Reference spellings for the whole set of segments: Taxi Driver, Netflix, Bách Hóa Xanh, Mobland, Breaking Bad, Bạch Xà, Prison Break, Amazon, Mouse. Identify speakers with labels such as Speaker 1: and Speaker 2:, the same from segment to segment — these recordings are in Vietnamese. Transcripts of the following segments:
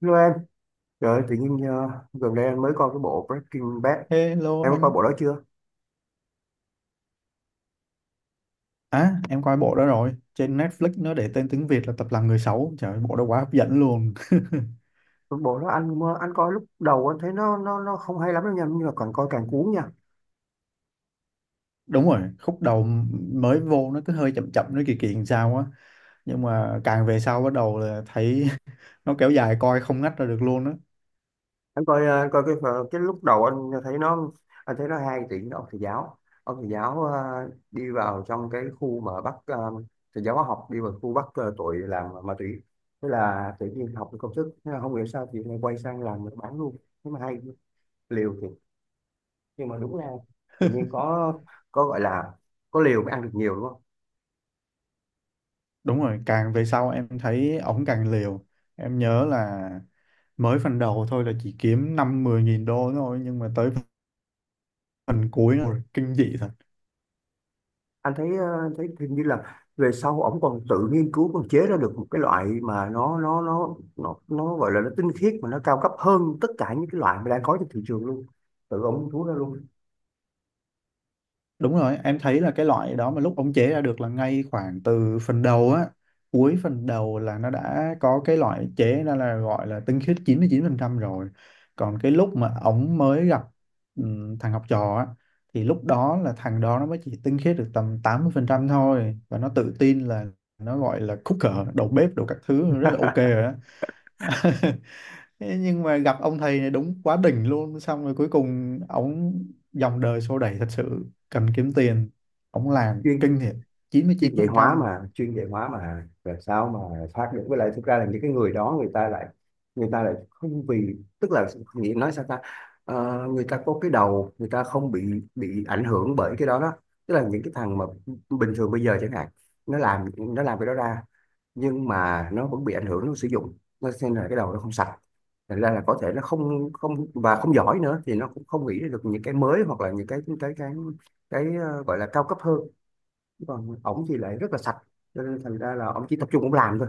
Speaker 1: Hello em, trời ơi, tự nhiên gần đây anh mới coi cái bộ Breaking Bad.
Speaker 2: Hello
Speaker 1: Em có coi
Speaker 2: anh.
Speaker 1: bộ đó chưa?
Speaker 2: À, em coi bộ đó rồi. Trên Netflix nó để tên tiếng Việt là Tập làm người xấu. Trời ơi, bộ đó quá hấp dẫn luôn.
Speaker 1: Cái bộ đó anh coi lúc đầu anh thấy nó không hay lắm đâu nha, nhưng mà càng coi càng cuốn nha.
Speaker 2: Đúng rồi, khúc đầu mới vô nó cứ hơi chậm chậm, nó kỳ kỳ làm sao á. Nhưng mà càng về sau bắt đầu là thấy nó kéo dài coi không ngắt ra được luôn á.
Speaker 1: Anh coi cái lúc đầu anh thấy nó hay thì nó ông thầy giáo, ông thầy giáo ờ, đi vào trong cái khu mà thầy giáo hóa học đi vào khu tội làm ma túy. Thế là tự nhiên học được công thức, thế là không hiểu sao thì lại quay sang làm bán luôn. Thế mà hay, liều thiệt. Nhưng mà đúng là tự nhiên có gọi là có liều mới ăn được nhiều đúng không?
Speaker 2: Đúng rồi, càng về sau em thấy ổng càng liều. Em nhớ là mới phần đầu thôi là chỉ kiếm 5-10 nghìn đô thôi. Nhưng mà tới phần cuối nó kinh dị thật.
Speaker 1: Anh thấy hình như là về sau ổng còn tự nghiên cứu còn chế ra được một cái loại mà nó gọi là nó tinh khiết mà nó cao cấp hơn tất cả những cái loại mà đang có trên thị trường luôn, tự ổng thú ra luôn.
Speaker 2: Đúng rồi, em thấy là cái loại đó mà lúc ông chế ra được là ngay khoảng từ phần đầu á, cuối phần đầu là nó đã có cái loại chế ra là gọi là tinh khiết chín chín mươi chín phần trăm rồi. Còn cái lúc mà ổng mới gặp thằng học trò á, thì lúc đó là thằng đó nó mới chỉ tinh khiết được tầm 80% thôi. Và nó tự tin là nó gọi là cooker, đầu bếp, đồ các thứ rất là ok rồi á. Thế nhưng mà gặp ông thầy này đúng quá đỉnh luôn, xong rồi cuối cùng ông dòng đời xô đẩy thật sự cần kiếm tiền, ông làm
Speaker 1: chuyên
Speaker 2: kinh thiệt,
Speaker 1: chuyên dạy hóa
Speaker 2: 99%.
Speaker 1: mà làm sao mà thoát được, với lại thực ra là những cái người đó người ta lại không, vì tức là nghĩ nói sao ta. Người ta có cái đầu, người ta không bị ảnh hưởng bởi cái đó đó, tức là những cái thằng mà bình thường bây giờ chẳng hạn nó làm cái đó ra, nhưng mà nó vẫn bị ảnh hưởng, nó sử dụng, nó xem là cái đầu nó không sạch, thành ra là có thể nó không không và không giỏi nữa thì nó cũng không nghĩ ra được những cái mới, hoặc là những gọi là cao cấp hơn, còn ổng thì lại rất là sạch, cho nên thành ra là ổng chỉ tập trung ổng làm thôi.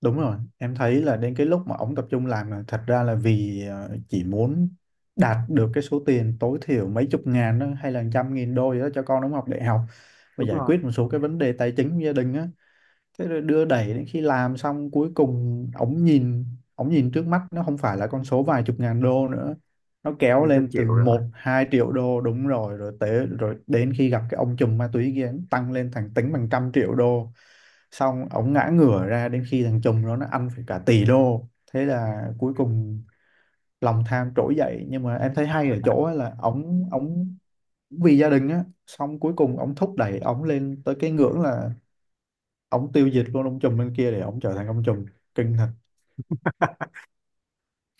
Speaker 2: Đúng rồi, em thấy là đến cái lúc mà ông tập trung làm là thật ra là vì chỉ muốn đạt được cái số tiền tối thiểu mấy chục ngàn đó, hay là trăm nghìn đô gì đó cho con ông học đại học và
Speaker 1: Đúng
Speaker 2: giải
Speaker 1: rồi,
Speaker 2: quyết một số cái vấn đề tài chính của gia đình á. Thế rồi đưa đẩy đến khi làm xong, cuối cùng ổng nhìn trước mắt nó không phải là con số vài chục ngàn đô nữa, nó kéo
Speaker 1: nên tôi
Speaker 2: lên từ
Speaker 1: chịu rồi.
Speaker 2: 1-2 triệu đô, đúng rồi, rồi tới, rồi đến khi gặp cái ông trùm ma túy kia nó tăng lên thành tính bằng trăm triệu đô. Xong ổng ngã ngửa ra đến khi thằng trùm đó nó ăn phải cả tỷ đô. Thế là cuối cùng lòng tham trỗi dậy, nhưng mà em thấy hay ở chỗ á là ổng ổng vì gia đình á, xong cuối cùng ổng thúc đẩy ổng lên tới cái ngưỡng là ông tiêu diệt luôn ông trùm bên kia để ông trở thành ông trùm. Kinh thật.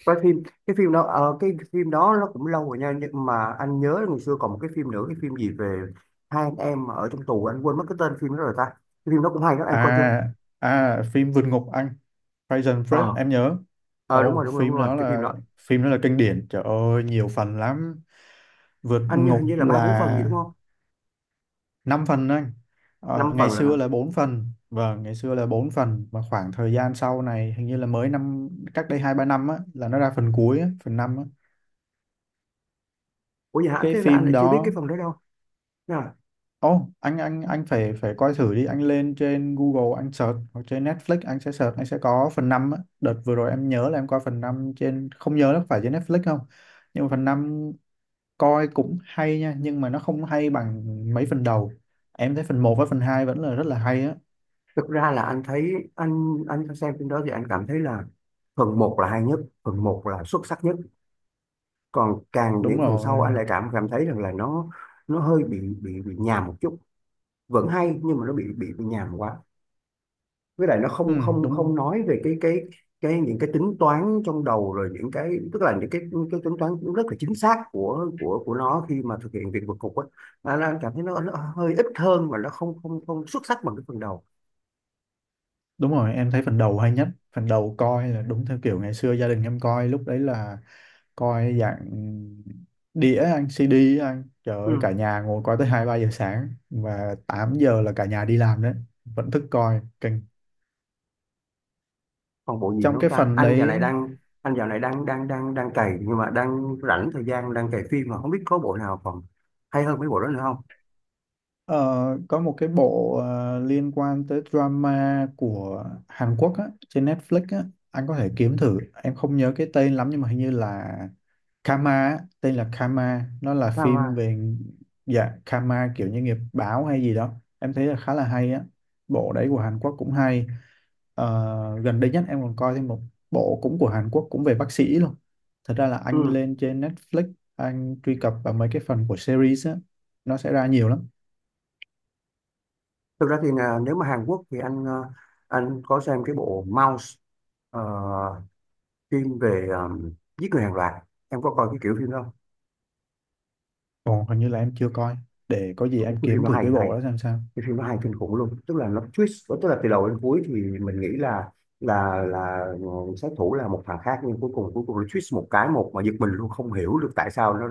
Speaker 1: Cái phim đó nó cũng lâu rồi nha, nhưng mà anh nhớ ngày xưa còn một cái phim nữa, cái phim gì về hai anh em ở trong tù, anh quên mất cái tên phim đó rồi ta. Cái phim đó cũng hay đó, em coi chưa?
Speaker 2: À à phim vượt ngục anh, Prison Break
Speaker 1: Ờ,
Speaker 2: em nhớ.
Speaker 1: ờ, đúng
Speaker 2: Ồ,
Speaker 1: rồi, đúng rồi, đúng
Speaker 2: phim
Speaker 1: rồi,
Speaker 2: đó
Speaker 1: cái phim
Speaker 2: là
Speaker 1: đó.
Speaker 2: phim đó là kinh điển, trời ơi, nhiều phần lắm. Vượt
Speaker 1: Anh nhớ
Speaker 2: ngục
Speaker 1: hình như là ba bốn phần gì
Speaker 2: là
Speaker 1: đúng không?
Speaker 2: 5 phần anh.
Speaker 1: Năm
Speaker 2: Ngày
Speaker 1: phần là,
Speaker 2: xưa là 4 phần, vâng, ngày xưa là 4 phần, mà khoảng thời gian sau này hình như là mới năm. Cách đây 2-3 năm á là nó ra phần cuối á, phần 5 á.
Speaker 1: ủa vậy hả?
Speaker 2: Cái
Speaker 1: Thế là anh
Speaker 2: phim
Speaker 1: lại chưa biết cái
Speaker 2: đó,
Speaker 1: phần đó đâu. À,
Speaker 2: ồ, anh phải phải coi thử đi, anh lên trên Google anh search, hoặc trên Netflix anh sẽ search anh sẽ có phần 5 á. Đợt vừa rồi em nhớ là em coi phần 5 trên, không nhớ nó phải trên Netflix không. Nhưng mà phần 5 coi cũng hay nha, nhưng mà nó không hay bằng mấy phần đầu. Em thấy phần 1 với phần 2 vẫn là rất là hay á.
Speaker 1: thực ra là anh thấy anh xem phim đó thì anh cảm thấy là phần một là hay nhất, phần một là xuất sắc nhất, còn càng
Speaker 2: Đúng
Speaker 1: những phần
Speaker 2: rồi.
Speaker 1: sau anh lại cảm cảm thấy rằng là nó hơi bị nhàm một chút, vẫn hay nhưng mà nó bị nhàm quá, với lại nó
Speaker 2: Ừ,
Speaker 1: không không
Speaker 2: đúng
Speaker 1: không nói về cái những cái tính toán trong đầu, rồi những cái, tức là những cái tính toán cũng rất là chính xác của nó khi mà thực hiện việc vượt cục á, anh cảm thấy nó hơi ít hơn và nó không không không xuất sắc bằng cái phần đầu.
Speaker 2: đúng rồi, em thấy phần đầu hay nhất. Phần đầu coi là đúng theo kiểu ngày xưa gia đình em coi, lúc đấy là coi dạng đĩa anh, CD anh, trời ơi,
Speaker 1: Ừ.
Speaker 2: cả nhà ngồi coi tới 2-3 giờ sáng và 8 giờ là cả nhà đi làm đấy, vẫn thức coi kinh.
Speaker 1: Còn bộ gì nữa
Speaker 2: Trong
Speaker 1: không
Speaker 2: cái
Speaker 1: ta,
Speaker 2: phần đấy,
Speaker 1: anh dạo này đang đang đang đang cày, nhưng mà đang rảnh thời gian, đang cày phim mà không biết có bộ nào còn hay hơn mấy bộ đó nữa không.
Speaker 2: ờ, có một cái bộ liên quan tới drama của Hàn Quốc á, trên Netflix á, anh có thể kiếm thử. Em không nhớ cái tên lắm nhưng mà hình như là Karma á, tên là Karma, nó là
Speaker 1: À,
Speaker 2: phim
Speaker 1: mà.
Speaker 2: về, dạ, Karma kiểu như nghiệp báo hay gì đó. Em thấy là khá là hay á, bộ đấy của Hàn Quốc cũng hay. Ờ, gần đây nhất em còn coi thêm một bộ cũng của Hàn Quốc cũng về bác sĩ luôn. Thật ra là anh
Speaker 1: Ừ.
Speaker 2: lên trên Netflix anh truy cập vào mấy cái phần của series á, nó sẽ ra nhiều lắm.
Speaker 1: Thực ra thì là nếu mà Hàn Quốc thì anh có xem cái bộ Mouse, ờ, phim về giết người hàng loạt, em có coi cái kiểu phim đó không?
Speaker 2: Còn hình như là em chưa coi, để có gì
Speaker 1: Ủa,
Speaker 2: em kiếm thử cái bộ đó xem sao.
Speaker 1: cái phim nó hay kinh khủng luôn, tức là nó twist, tức là từ đầu đến cuối thì mình nghĩ là sát thủ là một thằng khác, nhưng cuối cùng nó twist một cái, một mà giật mình luôn, không hiểu được tại sao nó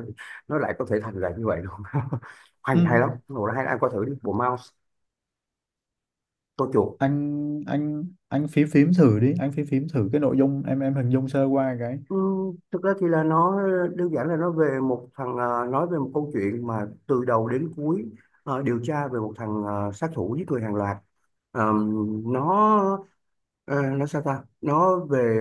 Speaker 1: nó lại có thể thành ra như vậy luôn. Hay
Speaker 2: Ừ.
Speaker 1: hay lắm, bộ đó hay lắm. Anh coi thử đi, bộ Mouse, tôi chuột.
Speaker 2: anh phím phím thử đi, anh phím phím thử cái nội dung, em hình dung sơ qua cái.
Speaker 1: Ừ, thực ra thì là nó đơn giản, là nó về một thằng à, nói về một câu chuyện mà từ đầu đến cuối à, điều tra về một thằng à, sát thủ giết người hàng loạt. Ờ, nó nó sao ta, nó về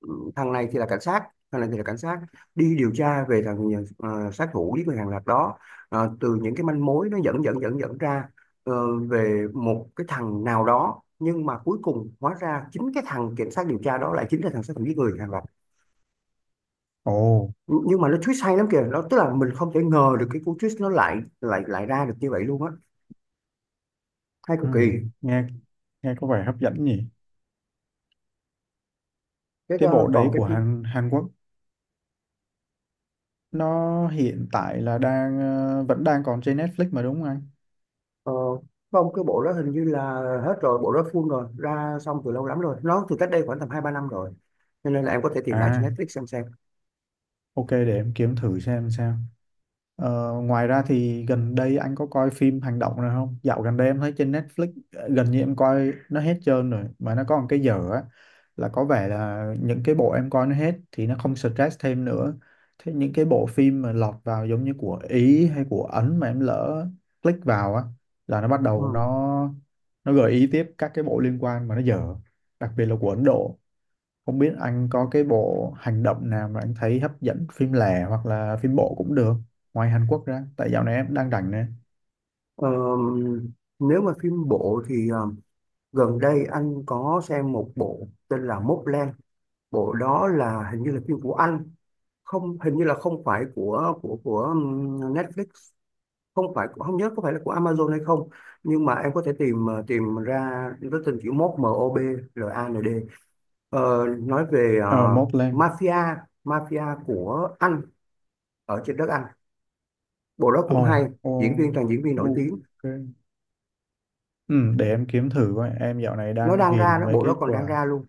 Speaker 1: ờ, thằng này thì là cảnh sát, đi điều tra về sát thủ giết người hàng loạt đó. Từ những cái manh mối nó dẫn dẫn dẫn dẫn ra, về một cái thằng nào đó, nhưng mà cuối cùng hóa ra chính cái thằng cảnh sát điều tra đó lại chính là thằng sát thủ giết người hàng loạt.
Speaker 2: Ồ.
Speaker 1: Nhưng mà nó twist hay lắm kìa, nó tức là mình không thể ngờ được cái cú twist nó lại lại lại ra được như vậy luôn á, hay
Speaker 2: Ừ,
Speaker 1: cực kỳ.
Speaker 2: nghe nghe có vẻ hấp dẫn nhỉ.
Speaker 1: cái
Speaker 2: Cái bộ
Speaker 1: ờ, còn
Speaker 2: đấy
Speaker 1: cái
Speaker 2: của
Speaker 1: phim-
Speaker 2: Hàn Hàn Quốc nó hiện tại là đang, vẫn đang còn trên Netflix mà đúng không anh?
Speaker 1: ờ, không cái bộ đó hình như là hết rồi, bộ đó full rồi, ra xong từ lâu lắm rồi, nó từ cách đây khoảng tầm hai ba năm rồi, cho nên là em có thể tìm lại trên
Speaker 2: À,
Speaker 1: Netflix xem xem.
Speaker 2: ok, để em kiếm thử xem sao. Ờ, ngoài ra thì gần đây anh có coi phim hành động nào không? Dạo gần đây em thấy trên Netflix, gần như em coi nó hết trơn rồi, mà nó có một cái dở á, là có vẻ là những cái bộ em coi nó hết thì nó không stress thêm nữa. Thế những cái bộ phim mà lọt vào giống như của Ý hay của Ấn mà em lỡ click vào á, là nó bắt đầu nó
Speaker 1: Ừ.
Speaker 2: nó gợi ý tiếp các cái bộ liên quan mà nó dở, đặc biệt là của Ấn Độ. Không biết anh có cái bộ hành động nào mà anh thấy hấp dẫn, phim lẻ hoặc là phim bộ cũng được, ngoài Hàn Quốc ra, tại dạo này em đang rảnh nè.
Speaker 1: Ờ, nếu mà phim bộ thì gần đây anh có xem một bộ tên là Mobland. Bộ đó là hình như là phim của anh, không, hình như là không phải của Netflix, không phải, không nhớ có phải là của Amazon hay không, nhưng mà em có thể tìm ra cái tên, chữ mốt Mobland. Nói về
Speaker 2: Ờ mốt lên.
Speaker 1: mafia mafia của Anh, ở trên đất Anh, bộ đó
Speaker 2: Ồ.
Speaker 1: cũng hay,
Speaker 2: Ồ,
Speaker 1: diễn viên toàn diễn viên nổi tiếng.
Speaker 2: ok. Ừ, để em kiếm thử coi, em dạo này
Speaker 1: nó
Speaker 2: đang
Speaker 1: đang ra
Speaker 2: ghiền
Speaker 1: nó
Speaker 2: mấy
Speaker 1: bộ
Speaker 2: cái
Speaker 1: đó còn đang
Speaker 2: của.
Speaker 1: ra luôn,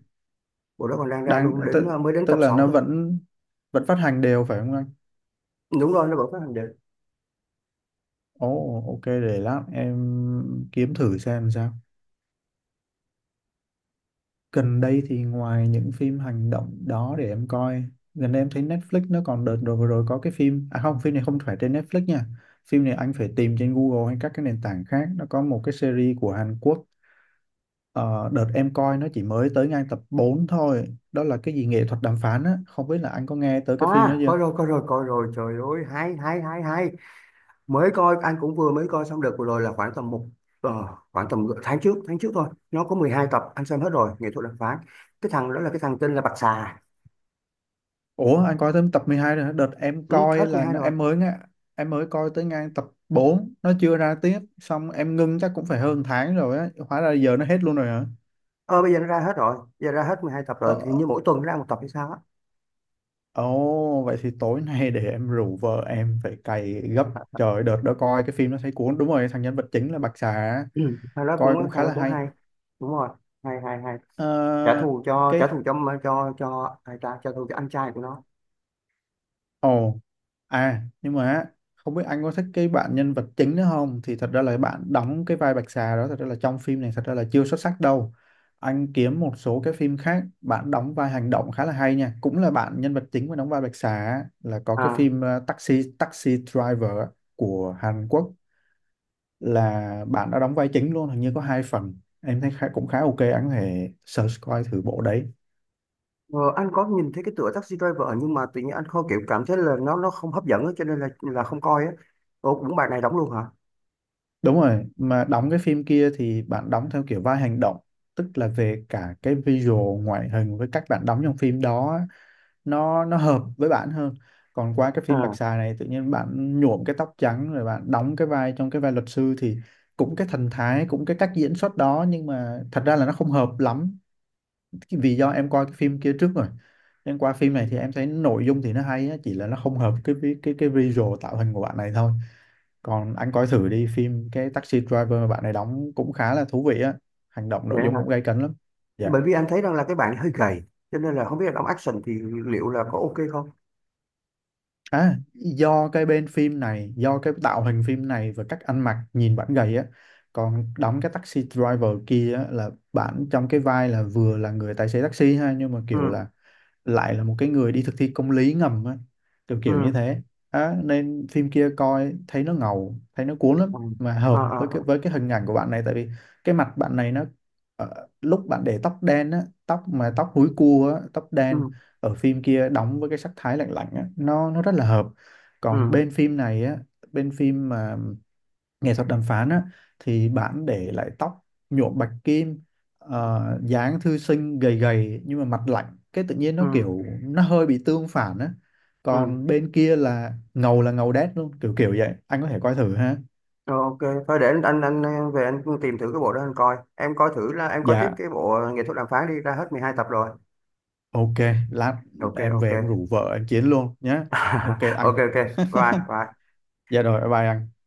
Speaker 2: Đang
Speaker 1: đến
Speaker 2: tức,
Speaker 1: mới đến
Speaker 2: tức
Speaker 1: tập
Speaker 2: là
Speaker 1: 6
Speaker 2: nó
Speaker 1: thôi.
Speaker 2: vẫn vẫn phát hành đều phải không anh?
Speaker 1: Đúng rồi, nó vẫn phát hành được.
Speaker 2: Ồ, ok, để lát em kiếm thử xem sao. Gần đây thì ngoài những phim hành động đó, để em coi, gần đây em thấy Netflix nó còn, đợt rồi vừa rồi có cái phim, à không, phim này không phải trên Netflix nha, phim này anh phải tìm trên Google hay các cái nền tảng khác. Nó có một cái series của Hàn Quốc. Ờ, đợt em coi nó chỉ mới tới ngang tập 4 thôi, đó là cái gì nghệ thuật đàm phán á, không biết là anh có nghe tới cái phim đó
Speaker 1: À,
Speaker 2: chưa.
Speaker 1: coi rồi, coi rồi, coi rồi, trời ơi, hay, hay, hay, hay. Mới coi anh cũng vừa mới coi xong được vừa rồi, là khoảng tầm ờ, khoảng tầm tháng trước thôi, nó có 12 tập, anh xem hết rồi, nghệ thuật đàm phán, cái thằng đó là cái thằng tên là Bạch Xà.
Speaker 2: Ủa, anh coi tới tập 12 rồi hả? Đợt em
Speaker 1: Ừ, hết
Speaker 2: coi
Speaker 1: mười
Speaker 2: là
Speaker 1: hai rồi.
Speaker 2: em mới nghe, em mới coi tới ngang tập 4, nó chưa ra tiếp xong em ngưng, chắc cũng phải hơn tháng rồi á, hóa ra giờ nó hết luôn rồi hả.
Speaker 1: Ờ bây giờ nó ra hết rồi, giờ ra hết 12 tập rồi thì
Speaker 2: Ờ.
Speaker 1: như mỗi tuần nó ra một tập hay sao á.
Speaker 2: Ồ, vậy thì tối nay để em rủ vợ em phải cày gấp. Trời ơi, đợt đó coi cái phim nó thấy cuốn, đúng rồi, thằng nhân vật chính là Bạch Xà á,
Speaker 1: Ừ. thằng đó cũng
Speaker 2: coi cũng
Speaker 1: thằng
Speaker 2: khá
Speaker 1: đó
Speaker 2: là
Speaker 1: cũng
Speaker 2: hay.
Speaker 1: hay. Đúng rồi, hay, hay, hay. trả
Speaker 2: Ờ,
Speaker 1: thù cho trả
Speaker 2: cái,
Speaker 1: thù cho cho ai ta, trả thù cho anh trai của nó.
Speaker 2: ồ, à, nhưng mà á, không biết anh có thích cái bạn nhân vật chính nữa không, thì thật ra là bạn đóng cái vai Bạch Xà đó, thật ra là trong phim này thật ra là chưa xuất sắc đâu. Anh kiếm một số cái phim khác bạn đóng vai hành động khá là hay nha, cũng là bạn nhân vật chính mà đóng vai Bạch Xà á, là có cái
Speaker 1: À,
Speaker 2: phim Taxi Taxi Driver á, của Hàn Quốc, là bạn đã đóng vai chính luôn, hình như có 2 phần. Em thấy khá, cũng khá ok, anh có thể search coi thử bộ đấy.
Speaker 1: ờ, anh có nhìn thấy cái tựa Taxi Driver, nhưng mà tự nhiên anh không kiểu cảm thấy là nó không hấp dẫn á, cho nên là không coi á. Ủa, cũng bài này đóng luôn hả?
Speaker 2: Đúng rồi, mà đóng cái phim kia thì bạn đóng theo kiểu vai hành động, tức là về cả cái visual, ngoại hình với cách bạn đóng trong phim đó á, nó hợp với bạn hơn. Còn qua cái phim Bạch
Speaker 1: À,
Speaker 2: Xà này tự nhiên bạn nhuộm cái tóc trắng rồi bạn đóng cái vai, trong cái vai luật sư, thì cũng cái thần thái, cũng cái cách diễn xuất đó, nhưng mà thật ra là nó không hợp lắm. Vì do em coi cái phim kia trước rồi, em qua phim này thì em thấy nội dung thì nó hay á, chỉ là nó không hợp cái cái visual tạo hình của bạn này thôi. Còn anh coi thử đi phim cái Taxi Driver mà bạn này đóng cũng khá là thú vị á, hành động nội
Speaker 1: vậy
Speaker 2: dung
Speaker 1: hả?
Speaker 2: cũng gay cấn lắm. Dạ.
Speaker 1: Bởi vì anh thấy rằng là cái bạn hơi gầy, cho nên là không biết là đóng action thì liệu là có ok không?
Speaker 2: À, do cái bên phim này, do cái tạo hình phim này và cách ăn mặc nhìn bạn gầy á. Còn đóng cái Taxi Driver kia á, là bạn trong cái vai là vừa là người tài xế taxi ha, nhưng mà kiểu
Speaker 1: Ừ,
Speaker 2: là lại là một cái người đi thực thi công lý ngầm á, kiểu kiểu như
Speaker 1: ừ,
Speaker 2: thế. Đó, nên phim kia coi thấy nó ngầu, thấy nó cuốn lắm,
Speaker 1: ừ,
Speaker 2: mà
Speaker 1: à,
Speaker 2: hợp
Speaker 1: à,
Speaker 2: với
Speaker 1: à,
Speaker 2: cái hình ảnh của bạn này, tại vì cái mặt bạn này nó, lúc bạn để tóc đen á, tóc mà tóc húi cua á, tóc
Speaker 1: ừ,
Speaker 2: đen ở phim kia đóng với cái sắc thái lạnh lạnh á, nó rất là hợp. Còn
Speaker 1: ừ,
Speaker 2: bên phim này á, bên phim mà nghệ thuật đàm phán á, thì bạn để lại tóc nhuộm bạch kim, dáng thư sinh gầy gầy, nhưng mà mặt lạnh cái tự nhiên nó
Speaker 1: ừ,
Speaker 2: kiểu nó hơi bị tương phản á.
Speaker 1: ừ.
Speaker 2: Còn bên kia là ngầu, là ngầu đét luôn, kiểu kiểu vậy anh có thể coi thử ha.
Speaker 1: Rồi, ok. Thôi để anh về, anh tìm thử cái bộ đó anh coi. Em coi thử, là em coi tiếp
Speaker 2: Dạ,
Speaker 1: cái bộ nghệ thuật đàm phán đi, ra hết 12 tập rồi.
Speaker 2: ok, lát
Speaker 1: Ok,
Speaker 2: em
Speaker 1: ok.
Speaker 2: về em rủ vợ em chiến luôn nhé. Ok
Speaker 1: Ok,
Speaker 2: anh,
Speaker 1: ok. Bye, bye.
Speaker 2: dạ rồi, bye bye anh.